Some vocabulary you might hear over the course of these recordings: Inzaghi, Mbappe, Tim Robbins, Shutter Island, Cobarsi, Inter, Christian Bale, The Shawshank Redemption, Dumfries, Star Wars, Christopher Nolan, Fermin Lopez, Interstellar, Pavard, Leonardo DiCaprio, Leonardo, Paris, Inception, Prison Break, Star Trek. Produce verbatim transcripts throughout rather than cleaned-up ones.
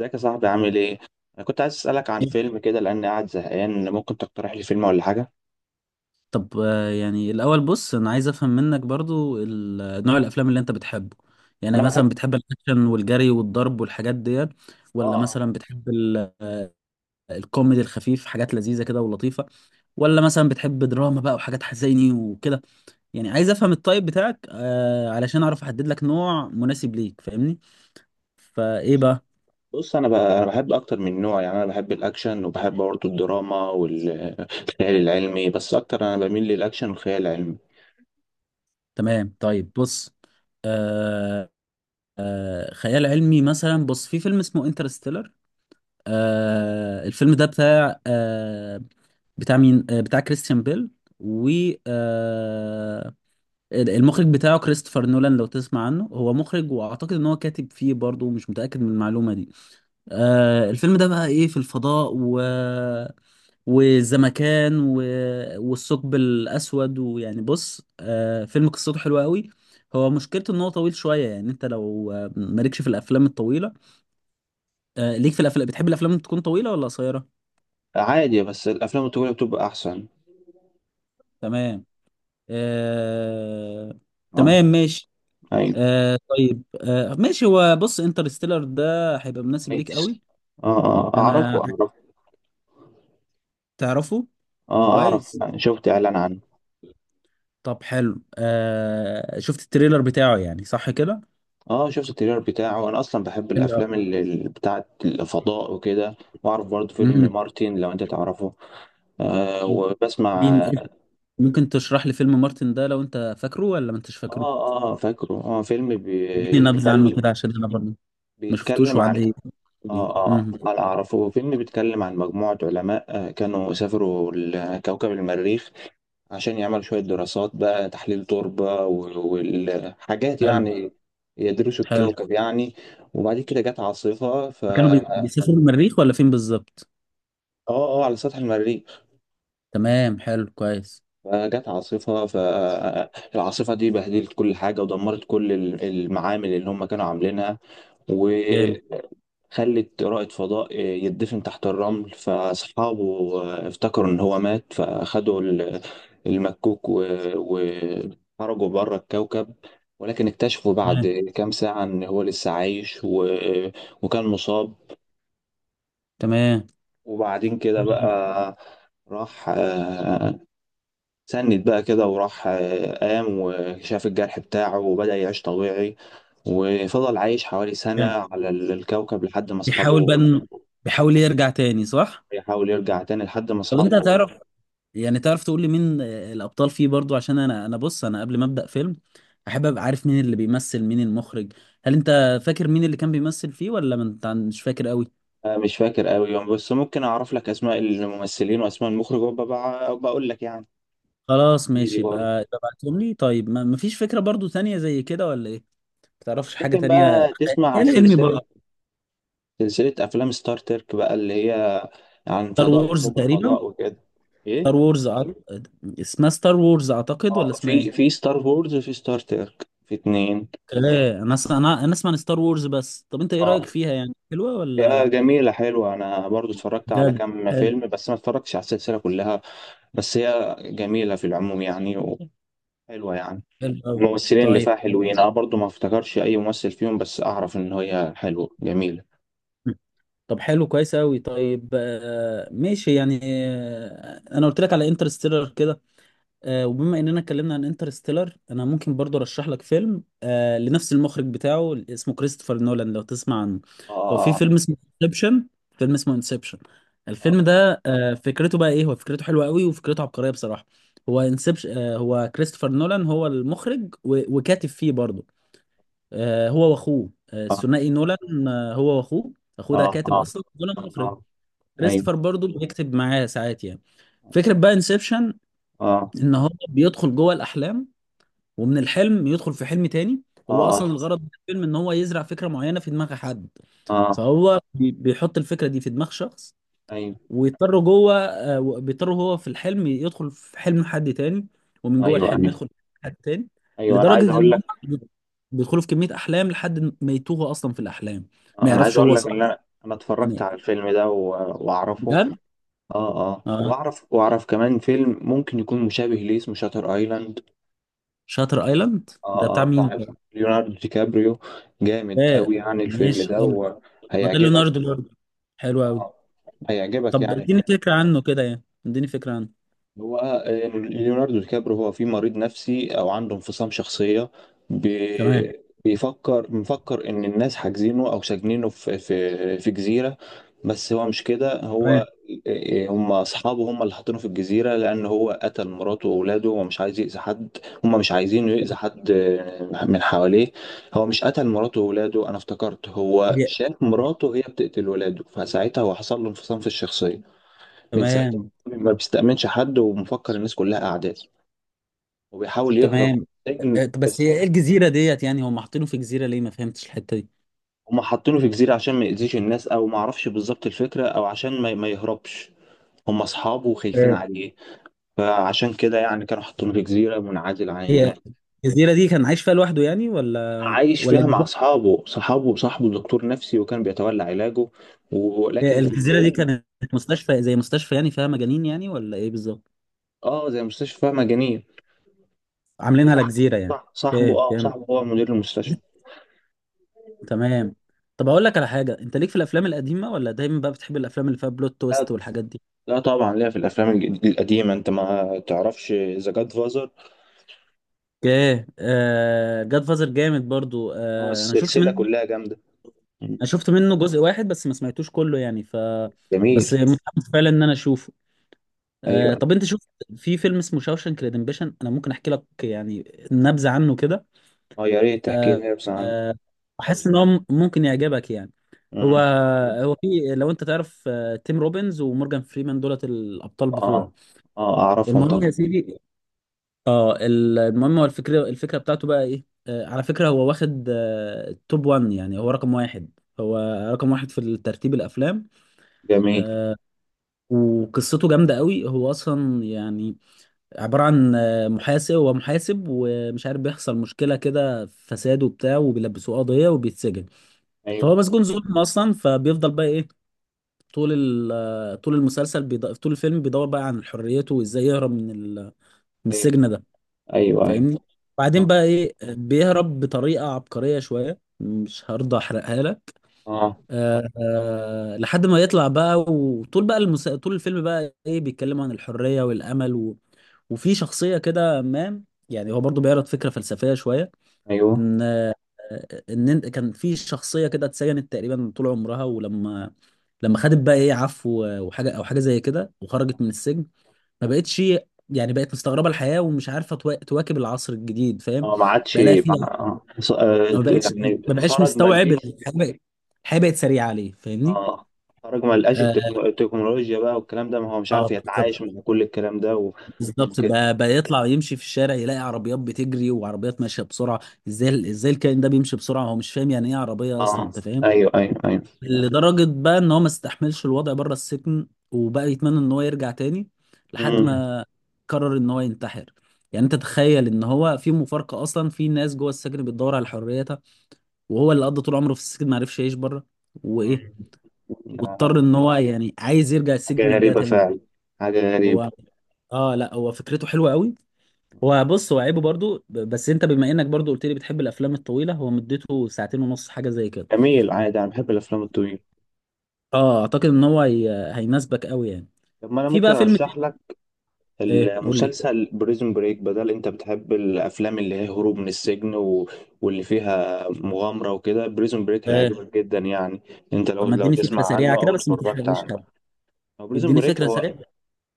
ازيك يا صاحبي؟ عامل ايه؟ انا كنت عايز اسالك عن فيلم كده لاني قاعد زهقان. ممكن تقترح لي فيلم ولا حاجه؟ طب آه، يعني الأول بص أنا عايز أفهم منك برضو ال- نوع الأفلام اللي أنت بتحبه. يعني انا بحب. مثلا بتحب الأكشن والجري والضرب والحاجات ديت، ولا اه. مثلا بتحب ال- آه، الكوميدي الخفيف، حاجات لذيذة كده ولطيفة، ولا مثلا بتحب دراما بقى وحاجات حزيني وكده. يعني عايز أفهم الطيب بتاعك آه، علشان أعرف أحدد لك نوع مناسب ليك، فاهمني؟ فإيه بقى؟ بص انا ب... انا بحب اكتر من نوع، يعني انا بحب الاكشن وبحب برضه الدراما والخيال العلمي، بس اكتر انا بميل للاكشن والخيال العلمي. تمام، طيب بص. آه آه خيال علمي مثلا، بص في فيلم اسمه انترستيلر. آه الفيلم ده بتاع آه بتاع مين؟ آه بتاع كريستيان بيل و آه المخرج بتاعه كريستوفر نولان لو تسمع عنه، هو مخرج، واعتقد ان هو كاتب فيه برضه، مش متأكد من المعلومة دي. آه الفيلم ده بقى ايه، في الفضاء و والزمكان و... والثقب الاسود، ويعني بص آه فيلم قصته حلوه قوي. هو مشكلته ان هو طويل شويه، يعني انت لو آه، مالكش في الافلام الطويله. آه ليك في الافلام؟ بتحب الافلام تكون طويله ولا قصيره؟ عادي، بس الافلام الطويله بتبقى احسن. تمام. آه... اه. تمام ماشي. ايوه. آه... طيب آه... ماشي، هو بص انترستيلر ده هيبقى مناسب ليك قوي. كويس. اه اه، اعرفه انا، اعرفه. تعرفه؟ اه اعرف، كويس. شفت اعلان عنه. طب حلو، آه... شفت التريلر بتاعه يعني صح كده؟ اه شفت التريلر بتاعه، انا اصلا بحب حلو أوي. الافلام اللي اللي بتاعت الفضاء وكده. واعرف برضه فيلم مم. مارتن، لو انت تعرفه. آه وبسمع بين- اه. ممكن تشرح لي فيلم مارتن ده لو انت فاكره ولا ما انتش فاكره؟ اه آه، فاكره، اه فيلم اديني نبذة عنه بيتكلم. كده عشان انا برضه ما شفتوش، بيتكلم عن. وعندي يعني. اه اه مم. انا اعرفه، فيلم بيتكلم عن مجموعة علماء آه كانوا سافروا لكوكب المريخ عشان يعملوا شوية دراسات بقى، تحليل تربة و- والحاجات حلو. يعني، يدرسوا حلو. الكوكب يعني. وبعد كده جت عاصفة، ف كانوا بي- اه بيسافروا المريخ ولا فين بالظبط؟ اه على سطح المريخ. تمام، حلو كويس. فجت عاصفة، فالعاصفة دي بهدلت كل حاجة ودمرت كل ال- المعامل اللي هم كانوا عاملينها، جامد. وخلت رائد فضاء يدفن تحت الرمل. فأصحابه افتكروا إن هو مات، فأخدوا ال- المكوك و- وخرجوا بره الكوكب، ولكن اكتشفوا بعد كام ساعة إن هو لسه عايش و... وكان مصاب. تمام. وبعدين كده بقى راح، آه، سند بقى كده، وراح، آه، قام وشاف الجرح بتاعه وبدأ يعيش طبيعي، وفضل عايش حوالي سنة تمام. على الكوكب لحد ما بيحاول بقى أصحابه. إنه- بيحاول يرجع تاني صح؟ يحاول يرجع تاني لحد ما طب انت اصحابه. تعرف، يعني تعرف تقول لي مين آه، الابطال فيه برضو؟ عشان انا، انا بص، انا قبل ما ابدا فيلم احب ابقى عارف مين اللي بيمثل، مين المخرج. هل انت فاكر مين اللي كان بيمثل فيه، ولا ما انت عن- مش فاكر قوي؟ آه، مش فاكر قوي يوم، بس ممكن اعرف لك اسماء الممثلين واسماء المخرج وببقى بقول لك يعني. خلاص دي ماشي، برضه. يبقى ابعتهم لي. طيب ما مفيش فكرة برضو تانية زي كده ولا ايه، ما تعرفش حاجة ممكن تانية؟ بقى تسمع يعني انمي سلسلة، برضو؟ سلسلة افلام ستار ترك بقى، اللي هي عن ستار فضاء وورز وحروب تقريبا. الفضاء وكده. ستار ايه. وورز أع- اسمها ستار وورز اعتقد، ولا اه اسمها في ايه؟ في ستار وورز وفي ستار ترك، في اتنين. اوكي. انا اسمع، انا انا اسمع عن ستار وورز بس، طب انت ايه رايك اه فيها يعني، حلوه يا ولا؟ جميلة حلوة، أنا برضو اتفرجت على بجد؟ كام حلو. فيلم بس ما اتفرجتش على السلسلة كلها، بس هي جميلة في العموم يعني، حلوة يعني. حلو قوي. الممثلين اللي طيب. فيها حلوين، انا برضو ما افتكرش اي ممثل فيهم، بس اعرف ان هي حلوة جميلة. طب حلو كويس قوي. طيب آه، ماشي يعني، آه، انا قلت لك على انترستيلر كده، آه، وبما اننا اتكلمنا عن انترستيلر، انا ممكن برضو ارشح لك فيلم آه، لنفس المخرج بتاعه اسمه كريستوفر نولان لو تسمع عنه. هو في اه. فيلم اسمه انسبشن. فيلم اسمه انسبشن. الفيلم ده آه، فكرته بقى ايه، هو فكرته حلوه قوي وفكرته عبقريه بصراحه. هو انسبشن، آه هو كريستوفر نولان هو المخرج و- وكاتب فيه برضو. آه، هو واخوه، آه، آه، الثنائي نولان، آه، هو واخوه. اخوه ده اعرف. اه اه كاتب اه. اصلا، نولان مخرج، اه اه. كريستوفر ايوه. برضو بيكتب معاه ساعات يعني. فكرة بقى انسبشن اه ان هو بيدخل جوه الاحلام، ومن الحلم يدخل في حلم تاني. اه هو اصلا اه. الغرض من الفيلم ان هو يزرع فكره معينه في دماغ حد. آه، فهو بي- بيحط الفكره دي في دماغ شخص، ايوه ويضطر جوه آه، و- بيضطر هو في الحلم يدخل في حلم حد تاني، ومن جوه ايوه الحلم ايوه. يدخل في حلم حد تاني، ايوه انا عايز لدرجه ان اقول هم لك بيدخلوا في كميه احلام لحد ما يتوه اصلا في الاحلام، ما انا عايز يعرفش اقول هو لك ان صح انا، انا ولا اتفرجت على ايه. الفيلم ده و- واعرفه. بجد. اه اه، اه. واعرف واعرف كمان فيلم ممكن يكون مشابه ليه، اسمه شاتر ايلاند. شاتر ايلاند ده اه اه بتاع مين بتاع ده؟ ليوناردو دي كابريو، جامد آه، قوي يعني الفيلم ماشي، ده حلو. ده وهيعجبك. ليوناردو ليوناردو حلو قوي. آه. هيعجبك طب يعني اديني الفيلم. فكرة عنه كده، يعني اديني فكرة عنه. هو آه، ليوناردو دي كابريو هو في مريض نفسي او عنده انفصام شخصيه، تمام. بي- بيفكر، مفكر ان الناس حاجزينه او ساجنينه في في في جزيره، بس هو مش كده. هو تمام. آه، آه، هم اصحابه، هم اللي حاطينه في الجزيره لان هو قتل مراته واولاده ومش عايز يأذي حد. هم مش عايزينه يأذي حد آه، من حواليه. هو مش قتل مراته واولاده، انا افتكرت هو هي- شاف مراته هي بتقتل ولاده، فساعتها هو حصل له انفصام في الشخصيه. من ساعتها تمام. ما بيستأمنش حد، ومفكر الناس كلها أعداء، وبيحاول يهرب من تمام. السجن. آه، طب بس بس هي ايه الجزيرة ديت، يعني هم حاطينه في جزيرة ليه؟ ما فهمتش الحتة دي. هما حاطينه في جزيرة عشان ما يأذيش الناس، أو ما أعرفش بالظبط الفكرة، أو عشان ما, ما يهربش. هما أصحابه وخايفين آه. عليه، فعشان كده يعني كانوا حاطينه في جزيرة منعزل عن هي الناس. الجزيرة دي كان عايش فيها لوحده يعني ولا؟ عايش ولا فيها مع الجزيرة، أصحابه، صحابه وصاحبه دكتور نفسي وكان بيتولى علاجه. آه، ولكن في الجزيرة دي الفيلم، كانت مستشفى، زي مستشفى يعني فيها مجانين يعني ولا ايه بالظبط؟ آه زي مستشفى مجانية. عاملينها وصاحبه، لجزيرة يعني. صاحبه اوكي، آه فهمت. صاحبه هو مدير المستشفى. تمام. طب اقول لك على حاجة، انت ليك في الافلام القديمة، ولا دايما بقى بتحب الافلام اللي فيها بلوت تويست والحاجات دي؟ لا طبعا، ليا في الافلام الج- القديمه. انت ما تعرفش ذا جاد فازر؟ اوكي. آه جاد فازر جامد برضو. آه انا شفت السلسله منه كلها جامده. مم. انا شفت منه جزء واحد بس، ما سمعتوش كله يعني، ف جميل. بس متحمس فعلا ان انا اشوفه. آه ايوه. طب انت شفت في فيلم اسمه شاوشانك ريدمبشن؟ انا ممكن احكي لك يعني نبذة عنه كده. اه يا ريت تحكي آه لنا بس عنه. آه احس ان هو م- ممكن يعجبك يعني. هو مم. هو في، لو انت تعرف، آه، تيم روبنز ومورجان فريمان دولت الابطال اه بتوعه. اه اعرفهم المهم، اه طبعا. يا سيدي، اه ال- المهم هو الفكرة، الفكرة بتاعته بقى ايه. آه على فكرة، هو واخد آه التوب واحد، يعني هو رقم واحد، هو رقم واحد في ترتيب الافلام. جميل. وقصته جامدة قوي. هو اصلا يعني عبارة عن آه محاسب، هو محاسب ومش عارف، بيحصل مشكلة كده فساد وبتاع، وبيلبسوه قضية وبيتسجن. ايوه فهو مسجون ظلم اصلا، فبيفضل بقى ايه، طول ال- آه، طول المسلسل بيض... طول الفيلم بيدور بقى عن حريته وازاي يهرب من ال... من ايوه السجن ده، ايوه. ايوه. فاهمني؟ بعدين اه بقى ايه، بيهرب بطريقه عبقريه شويه، مش هرضى احرقها لك. اه آه آه لحد ما يطلع بقى، وطول بقى المسا... طول الفيلم بقى ايه، بيتكلموا عن الحريه والامل و... وفي شخصيه كده، ما يعني، هو برضو بيعرض فكره فلسفيه شويه، ايوه. ان آه، ان إنت- كان في شخصيه كده اتسجنت تقريبا طول عمرها، ولما لما خدت بقى ايه عفو وحاجه او حاجه زي كده وخرجت من السجن، ما بقتش يعني، بقت مستغربه الحياه ومش عارفه توا- تواكب العصر الجديد، فاهم؟ اه ما عادش. بقى لها فيها، مع- آه. ص- آه، ما ت- بقتش يعني ما بقاش خرج ما مستوعب لقيش. الحياه بقت الحياه بقت سريعه عليه، فاهمني؟ اه خرج ما لقاش اه، التكنو- التكنولوجيا بقى والكلام ده، ما هو مش آه، عارف يتعايش بالظبط. مع كل الكلام ده و- بالظبط وكده. بقى بقى يطلع يمشي في الشارع يلاقي عربيات بتجري وعربيات ماشيه بسرعه. ازاي، ازاي الكائن ده بيمشي بسرعه؟ هو مش فاهم يعني ايه عربيه اصلا، اه انت فاهم؟ ايوه ايوه ايوه. لدرجة بقى ان هو ما استحملش الوضع بره السجن، وبقى يتمنى ان هو يرجع تاني، لحد مم. ما قرر ان هو ينتحر. يعني انت تخيل ان هو في مفارقة اصلا، في ناس جوه السجن بتدور على حريتها، وهو اللي قضى طول عمره في السجن ما عرفش يعيش بره. وايه، مم. ده واضطر ان هو يعني عايز يرجع حاجة السجن ده غريبة تاني. فعلا، حاجة غريبة. هو اه لا هو فكرته حلوة قوي. هو بص، هو عيبه برضو ب- بس انت، بما انك برضو قلت لي بتحب الافلام الطويلة، هو مدته ساعتين ونص حاجة زي كده. جميل، عادي أنا بحب الأفلام الطويلة. اه، اعتقد ان هو هي... هيناسبك قوي يعني. طب ما أنا في ممكن بقى فيلم. أرشح لك ايه، قول لي. المسلسل بريزون بريك، بدل أنت بتحب الأفلام اللي هي هروب من السجن و... واللي فيها مغامرة وكده، بريزون بريك آه. هيعجبك جدا يعني. أنت لو طب ما لو اديني تسمع فكره عنه سريعه كده، أو بس ما اتفرجت تحرقليش عنه. حاجه. هو بريزون اديني بريك فكره هو سريعه.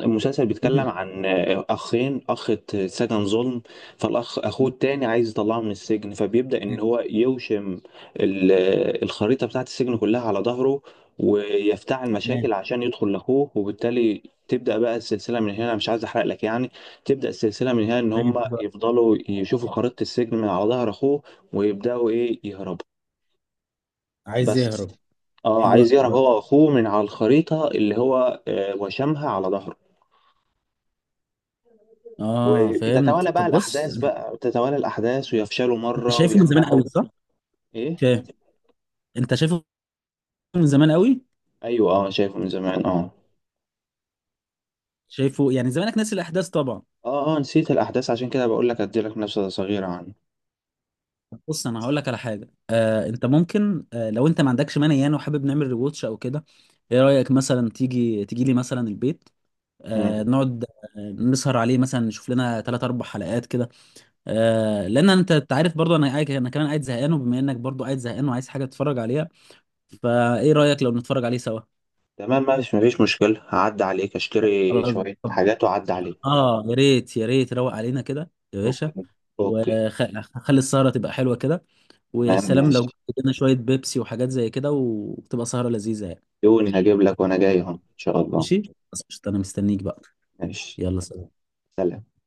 المسلسل، بيتكلم مم. عن اخين، اخ اتسجن ظلم، فالاخ اخوه تمام. التاني عايز يطلعه من السجن، فبيبدأ ان هو يوشم ال- الخريطة بتاعت السجن كلها على ظهره، ويفتعل مشاكل عشان يدخل لاخوه، وبالتالي تبدأ بقى السلسلة من هنا، مش عايز احرق لك يعني. تبدأ السلسلة من هنا ان هم تمام، حلو أوي. يفضلوا يشوفوا خريطة السجن من على ظهر اخوه، ويبدأوا ايه يهربوا عايز بس. يهرب. اه حلو عايز قوي يهرب ده. هو واخوه من على الخريطة اللي هو، آه، وشمها على ظهره. اه فهمت. وتتوالى بقى طب بص، الأحداث، بقى تتوالى الأحداث ويفشلوا انت مرة شايفه من زمان وينجحوا. قوي صح؟ إيه؟ اوكي. انت شايفه من زمان قوي، أيوه أه، شايفه من زمان أه. شايفه يعني، زمانك ناسي الاحداث طبعا. أه أه نسيت الأحداث، عشان كده بقول لك أديلك نبذة صغيرة عنه. طب بص، انا هقول لك على حاجه. آه انت ممكن، آه لو انت ما عندكش مانع يعني، وحابب نعمل ريواتش او كده. ايه رايك مثلا، تيجي تيجي لي مثلا البيت، آه مم. نقعد، آه، نسهر عليه مثلا، نشوف لنا ثلاث اربع حلقات كده، آه لان انت، أنت عارف برضو انا قاعد، انا كمان قاعد زهقان، وبما انك برضو قاعد زهقان وعايز حاجه تتفرج عليها، فايه رايك لو نتفرج عليه سوا؟ تمام ماشي، مفيش مشكلة، هعدي عليك أشتري خلاص. شوية طب. حاجات وأعدي عليك. اه يا ريت، يا ريت روق علينا كده يا أوكي باشا، أوكي. وخلي السهره تبقى حلوه كده، ويا تمام سلام لو جبت ماشي، لنا شويه بيبسي وحاجات زي كده، وتبقى سهره لذيذه يعني. يوني هجيب لك وأنا جاي أهو إن شاء الله. ماشي. خلاص قشطة، انا مستنيك بقى. ماشي، يلا سلام. سلام.